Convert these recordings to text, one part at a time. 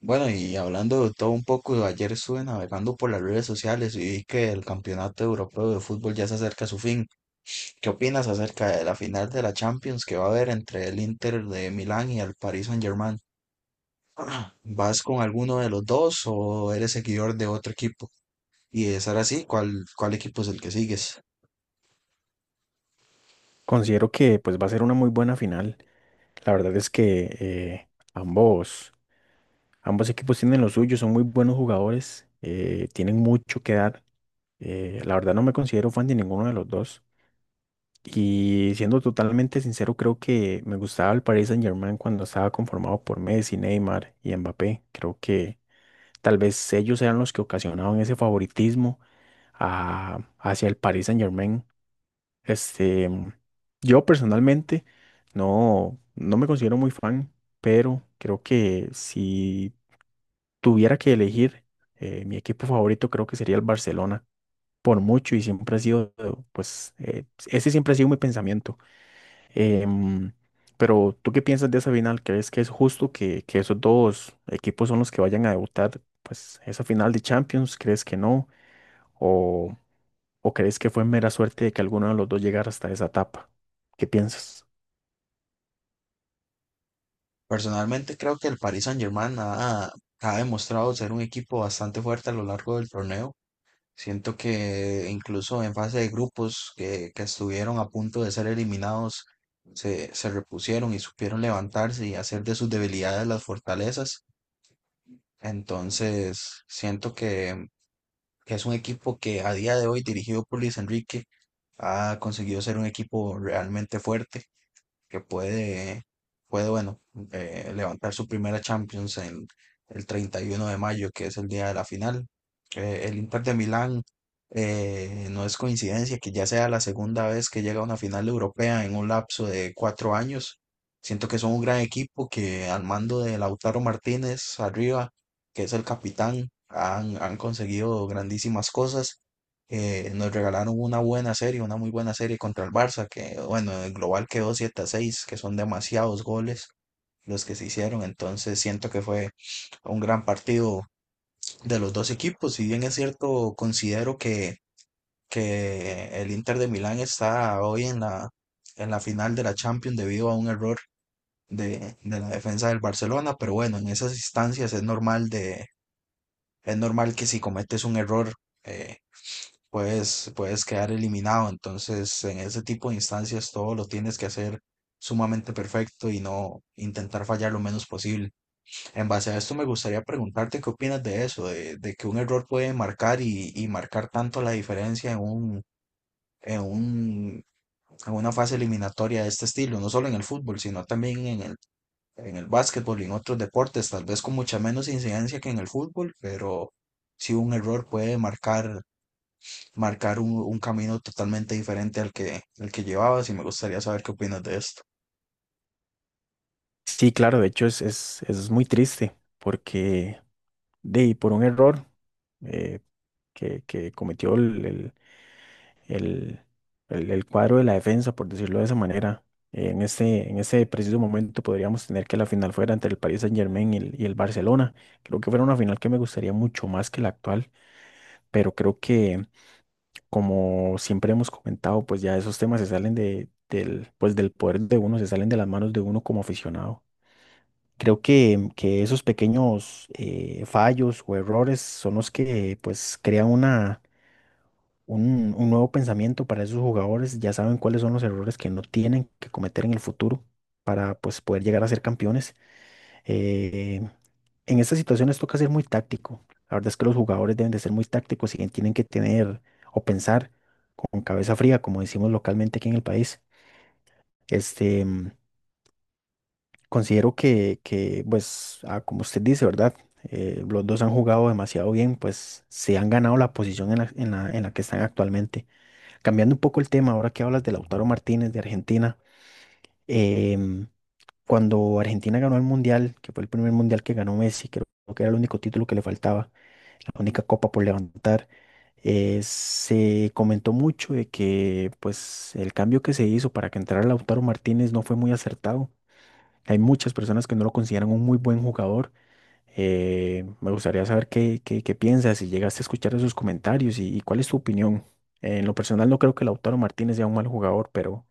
Bueno, y hablando de todo un poco, ayer estuve navegando por las redes sociales y vi que el Campeonato Europeo de Fútbol ya se acerca a su fin. ¿Qué opinas acerca de la final de la Champions que va a haber entre el Inter de Milán y el Paris Saint-Germain? ¿Vas con alguno de los dos o eres seguidor de otro equipo? Y de ser así, ¿cuál equipo es el que sigues? Considero que pues va a ser una muy buena final. La verdad es que ambos, ambos equipos tienen lo suyo, son muy buenos jugadores, tienen mucho que dar. La verdad no me considero fan de ninguno de los dos. Y siendo totalmente sincero, creo que me gustaba el Paris Saint-Germain cuando estaba conformado por Messi, Neymar y Mbappé. Creo que tal vez ellos eran los que ocasionaban ese favoritismo hacia el Paris Saint-Germain. Este, yo personalmente no me considero muy fan, pero creo que si tuviera que elegir mi equipo favorito, creo que sería el Barcelona, por mucho, y siempre ha sido, pues, ese siempre ha sido mi pensamiento. Em, pero, ¿tú qué piensas de esa final? ¿Crees que es justo que esos dos equipos son los que vayan a debutar, pues, esa final de Champions? ¿Crees que no? ¿O crees que fue mera suerte de que alguno de los dos llegara hasta esa etapa? ¿Qué piensas? Personalmente creo que el Paris Saint-Germain ha demostrado ser un equipo bastante fuerte a lo largo del torneo. Siento que incluso en fase de grupos que estuvieron a punto de ser eliminados, se repusieron y supieron levantarse y hacer de sus debilidades las fortalezas. Entonces, siento que es un equipo que a día de hoy, dirigido por Luis Enrique, ha conseguido ser un equipo realmente fuerte que puede bueno, levantar su primera Champions en el 31 de mayo, que es el día de la final. El Inter de Milán, no es coincidencia que ya sea la segunda vez que llega a una final europea en un lapso de 4 años. Siento que son un gran equipo que al mando de Lautaro Martínez arriba, que es el capitán, han conseguido grandísimas cosas, que nos regalaron una buena serie, una muy buena serie contra el Barça. Que bueno, el global quedó siete a 6, que son demasiados goles los que se hicieron. Entonces siento que fue un gran partido de los dos equipos. Si bien es cierto, considero que el Inter de Milán está hoy en la final de la Champions debido a un error de la defensa del Barcelona, pero bueno, en esas instancias es normal que si cometes un error, eh, puedes quedar eliminado. Entonces, en ese tipo de instancias, todo lo tienes que hacer sumamente perfecto y no intentar fallar lo menos posible. En base a esto, me gustaría preguntarte qué opinas de eso, de que un error puede marcar y marcar tanto la diferencia en un, en una fase eliminatoria de este estilo, no solo en el fútbol, sino también en el básquetbol y en otros deportes, tal vez con mucha menos incidencia que en el fútbol, pero si un error puede marcar un camino totalmente diferente al que, llevabas, y me gustaría saber qué opinas de esto. Sí, claro, de hecho es muy triste porque y por un error eh, que cometió el- el cuadro de la defensa, por decirlo de esa manera, en ese preciso momento podríamos tener que la final fuera entre el Paris Saint-Germain y el Barcelona. Creo que fuera una final que me gustaría mucho más que la actual, pero creo que como siempre hemos comentado, pues ya esos temas se salen del, pues del poder de uno, se salen de las manos de uno como aficionado. Creo que esos pequeños fallos o errores son los que pues crean un nuevo pensamiento para esos jugadores. Ya saben cuáles son los errores que no tienen que cometer en el futuro para pues poder llegar a ser campeones. Eh, en estas situaciones toca ser muy táctico. La verdad es que los jugadores deben de ser muy tácticos y tienen que tener o pensar con cabeza fría, como decimos localmente aquí en el país. Este, mm, considero pues, ah, como usted dice, ¿verdad? Los dos han jugado demasiado bien, pues se han ganado la posición en la que están actualmente. Cambiando un poco el tema, ahora que hablas de Lautaro Martínez de Argentina, eh, cuando Argentina ganó el Mundial, que fue el primer Mundial que ganó Messi, creo que era el único título que le faltaba, la única copa por levantar, se comentó mucho de que pues el cambio que se hizo para que entrara Lautaro Martínez no fue muy acertado. Hay muchas personas que no lo consideran un muy buen jugador. Me gustaría saber qué piensas, si llegaste a escuchar esos comentarios y cuál es tu opinión. En lo personal no creo que Lautaro Martínez sea un mal jugador, pero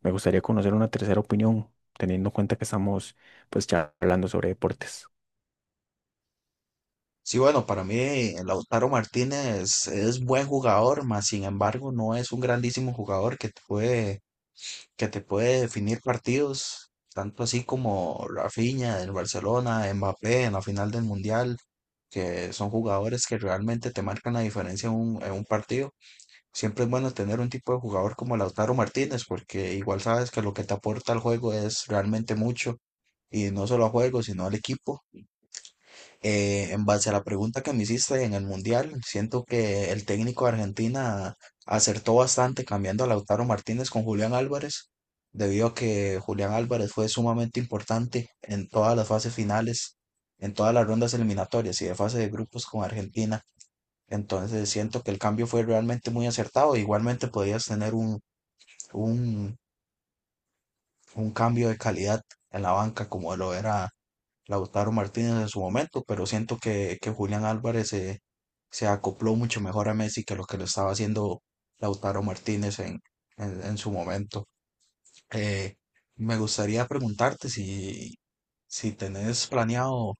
me gustaría conocer una tercera opinión, teniendo en cuenta que estamos pues charlando sobre deportes. Sí, bueno, para mí Lautaro Martínez es buen jugador, mas sin embargo no es un grandísimo jugador que te puede definir partidos, tanto así como Rafinha en Barcelona, Mbappé en la final del Mundial, que son jugadores que realmente te marcan la diferencia en un partido. Siempre es bueno tener un tipo de jugador como Lautaro Martínez, porque igual sabes que lo que te aporta al juego es realmente mucho, y no solo a juego, sino al equipo. En base a la pregunta que me hiciste en el Mundial, siento que el técnico de Argentina acertó bastante cambiando a Lautaro Martínez con Julián Álvarez, debido a que Julián Álvarez fue sumamente importante en todas las fases finales, en todas las rondas eliminatorias y de fase de grupos con Argentina. Entonces siento que el cambio fue realmente muy acertado. Igualmente podías tener un, un cambio de calidad en la banca como lo era Lautaro Martínez en su momento, pero siento que Julián Álvarez se acopló mucho mejor a Messi que lo estaba haciendo Lautaro Martínez en su momento. Eh, Me gustaría preguntarte si tenés planeado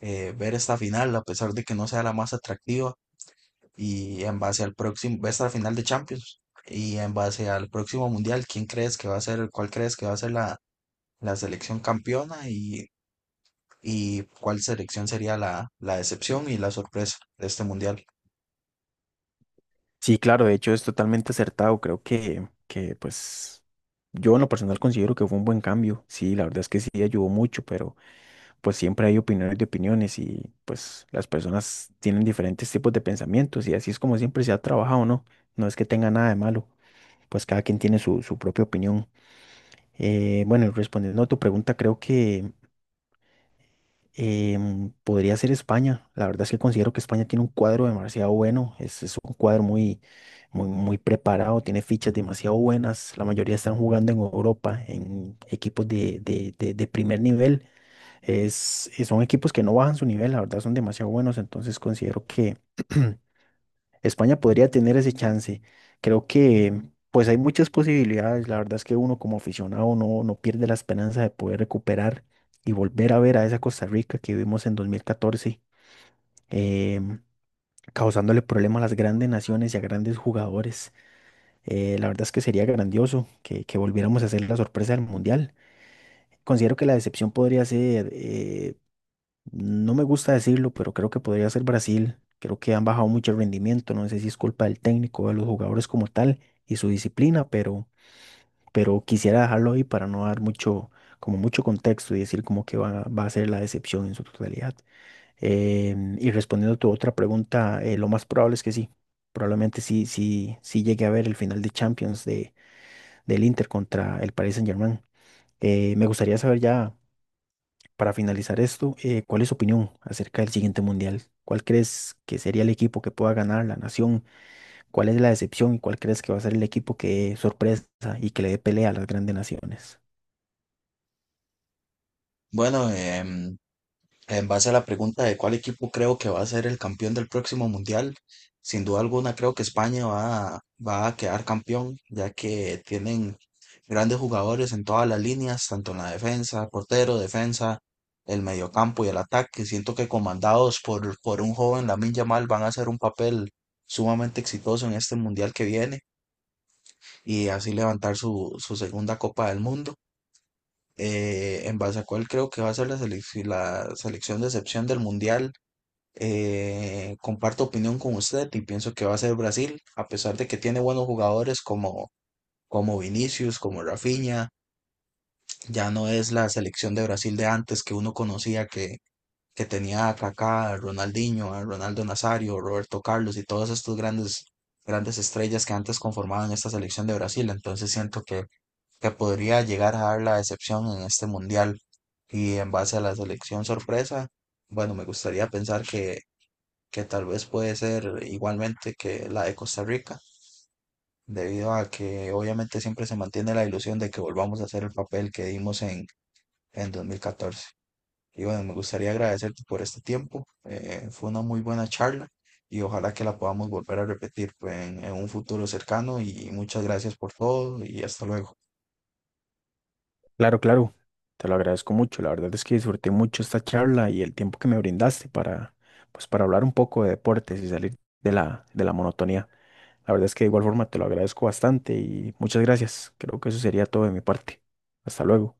ver esta final, a pesar de que no sea la más atractiva. Y en base al próximo, va a estar la final de Champions. Y en base al próximo mundial, ¿quién crees que va a ser, cuál crees que va a ser la selección campeona y cuál selección sería la decepción y la sorpresa de este mundial? Sí, claro, de hecho es totalmente acertado. Creo que pues yo en lo personal considero que fue un buen cambio. Sí, la verdad es que sí ayudó mucho, pero pues siempre hay opiniones de opiniones y pues las personas tienen diferentes tipos de pensamientos y así es como siempre se ha trabajado, ¿no? No es que tenga nada de malo, pues cada quien tiene su, su propia opinión. Bueno, y respondiendo a tu pregunta, creo que podría ser España. La verdad es que considero que España tiene un cuadro demasiado bueno. Es un cuadro muy preparado, tiene fichas demasiado buenas. La mayoría están jugando en Europa, en equipos de primer nivel. Son equipos que no bajan su nivel, la verdad son demasiado buenos. Entonces considero que España podría tener ese chance. Creo que pues hay muchas posibilidades. La verdad es que uno como aficionado no pierde la esperanza de poder recuperar y volver a ver a esa Costa Rica que vimos en 2014, em, causándole problemas a las grandes naciones y a grandes jugadores. La verdad es que sería grandioso que volviéramos a hacer la sorpresa del Mundial. Considero que la decepción podría ser no me gusta decirlo, pero creo que podría ser Brasil. Creo que han bajado mucho el rendimiento. No sé si es culpa del técnico, de los jugadores como tal y su disciplina, pero quisiera dejarlo ahí para no dar mucho, como mucho contexto y decir como que va a ser la decepción en su totalidad. Y respondiendo a tu otra pregunta, lo más probable es que sí. Probablemente sí llegue a ver el final de Champions del Inter contra el Paris Saint-Germain. Me gustaría saber ya. Para finalizar esto, ¿cuál es su opinión acerca del siguiente mundial? ¿Cuál crees que sería el equipo que pueda ganar la nación? ¿Cuál es la decepción y cuál crees que va a ser el equipo que dé sorpresa y que le dé pelea a las grandes naciones? Bueno, en base a la pregunta de cuál equipo creo que va a ser el campeón del próximo mundial, sin duda alguna creo que España va a quedar campeón, ya que tienen grandes jugadores en todas las líneas, tanto en la defensa, portero, defensa, el mediocampo y el ataque. Siento que comandados por un joven Lamine Yamal, van a hacer un papel sumamente exitoso en este mundial que viene, y así levantar su segunda Copa del Mundo. En base a cuál creo que va a ser la, la selección de excepción del mundial. Comparto opinión con usted y pienso que va a ser Brasil, a pesar de que tiene buenos jugadores como, como Vinicius, como Rafinha. Ya no es la selección de Brasil de antes que uno conocía, que tenía a Kaká, a Ronaldinho, a Ronaldo Nazario, Roberto Carlos y todas estas grandes, grandes estrellas que antes conformaban esta selección de Brasil. Entonces siento que podría llegar a dar la excepción en este mundial. Y en base a la selección sorpresa. Bueno, me gustaría pensar que tal vez puede ser igualmente que la de Costa Rica, debido a que obviamente siempre se mantiene la ilusión de que volvamos a hacer el papel que dimos en 2014. Y bueno, me gustaría agradecerte por este tiempo. Eh, fue una muy buena charla y ojalá que la podamos volver a repetir pues, en un futuro cercano. Y muchas gracias por todo y hasta luego. Claro, claro, te lo agradezco mucho. La verdad es que disfruté mucho esta charla y el tiempo que me brindaste para, pues, para hablar un poco de deportes y salir de la monotonía. La verdad es que de igual forma te lo agradezco bastante y muchas gracias. Creo que eso sería todo de mi parte. Hasta luego.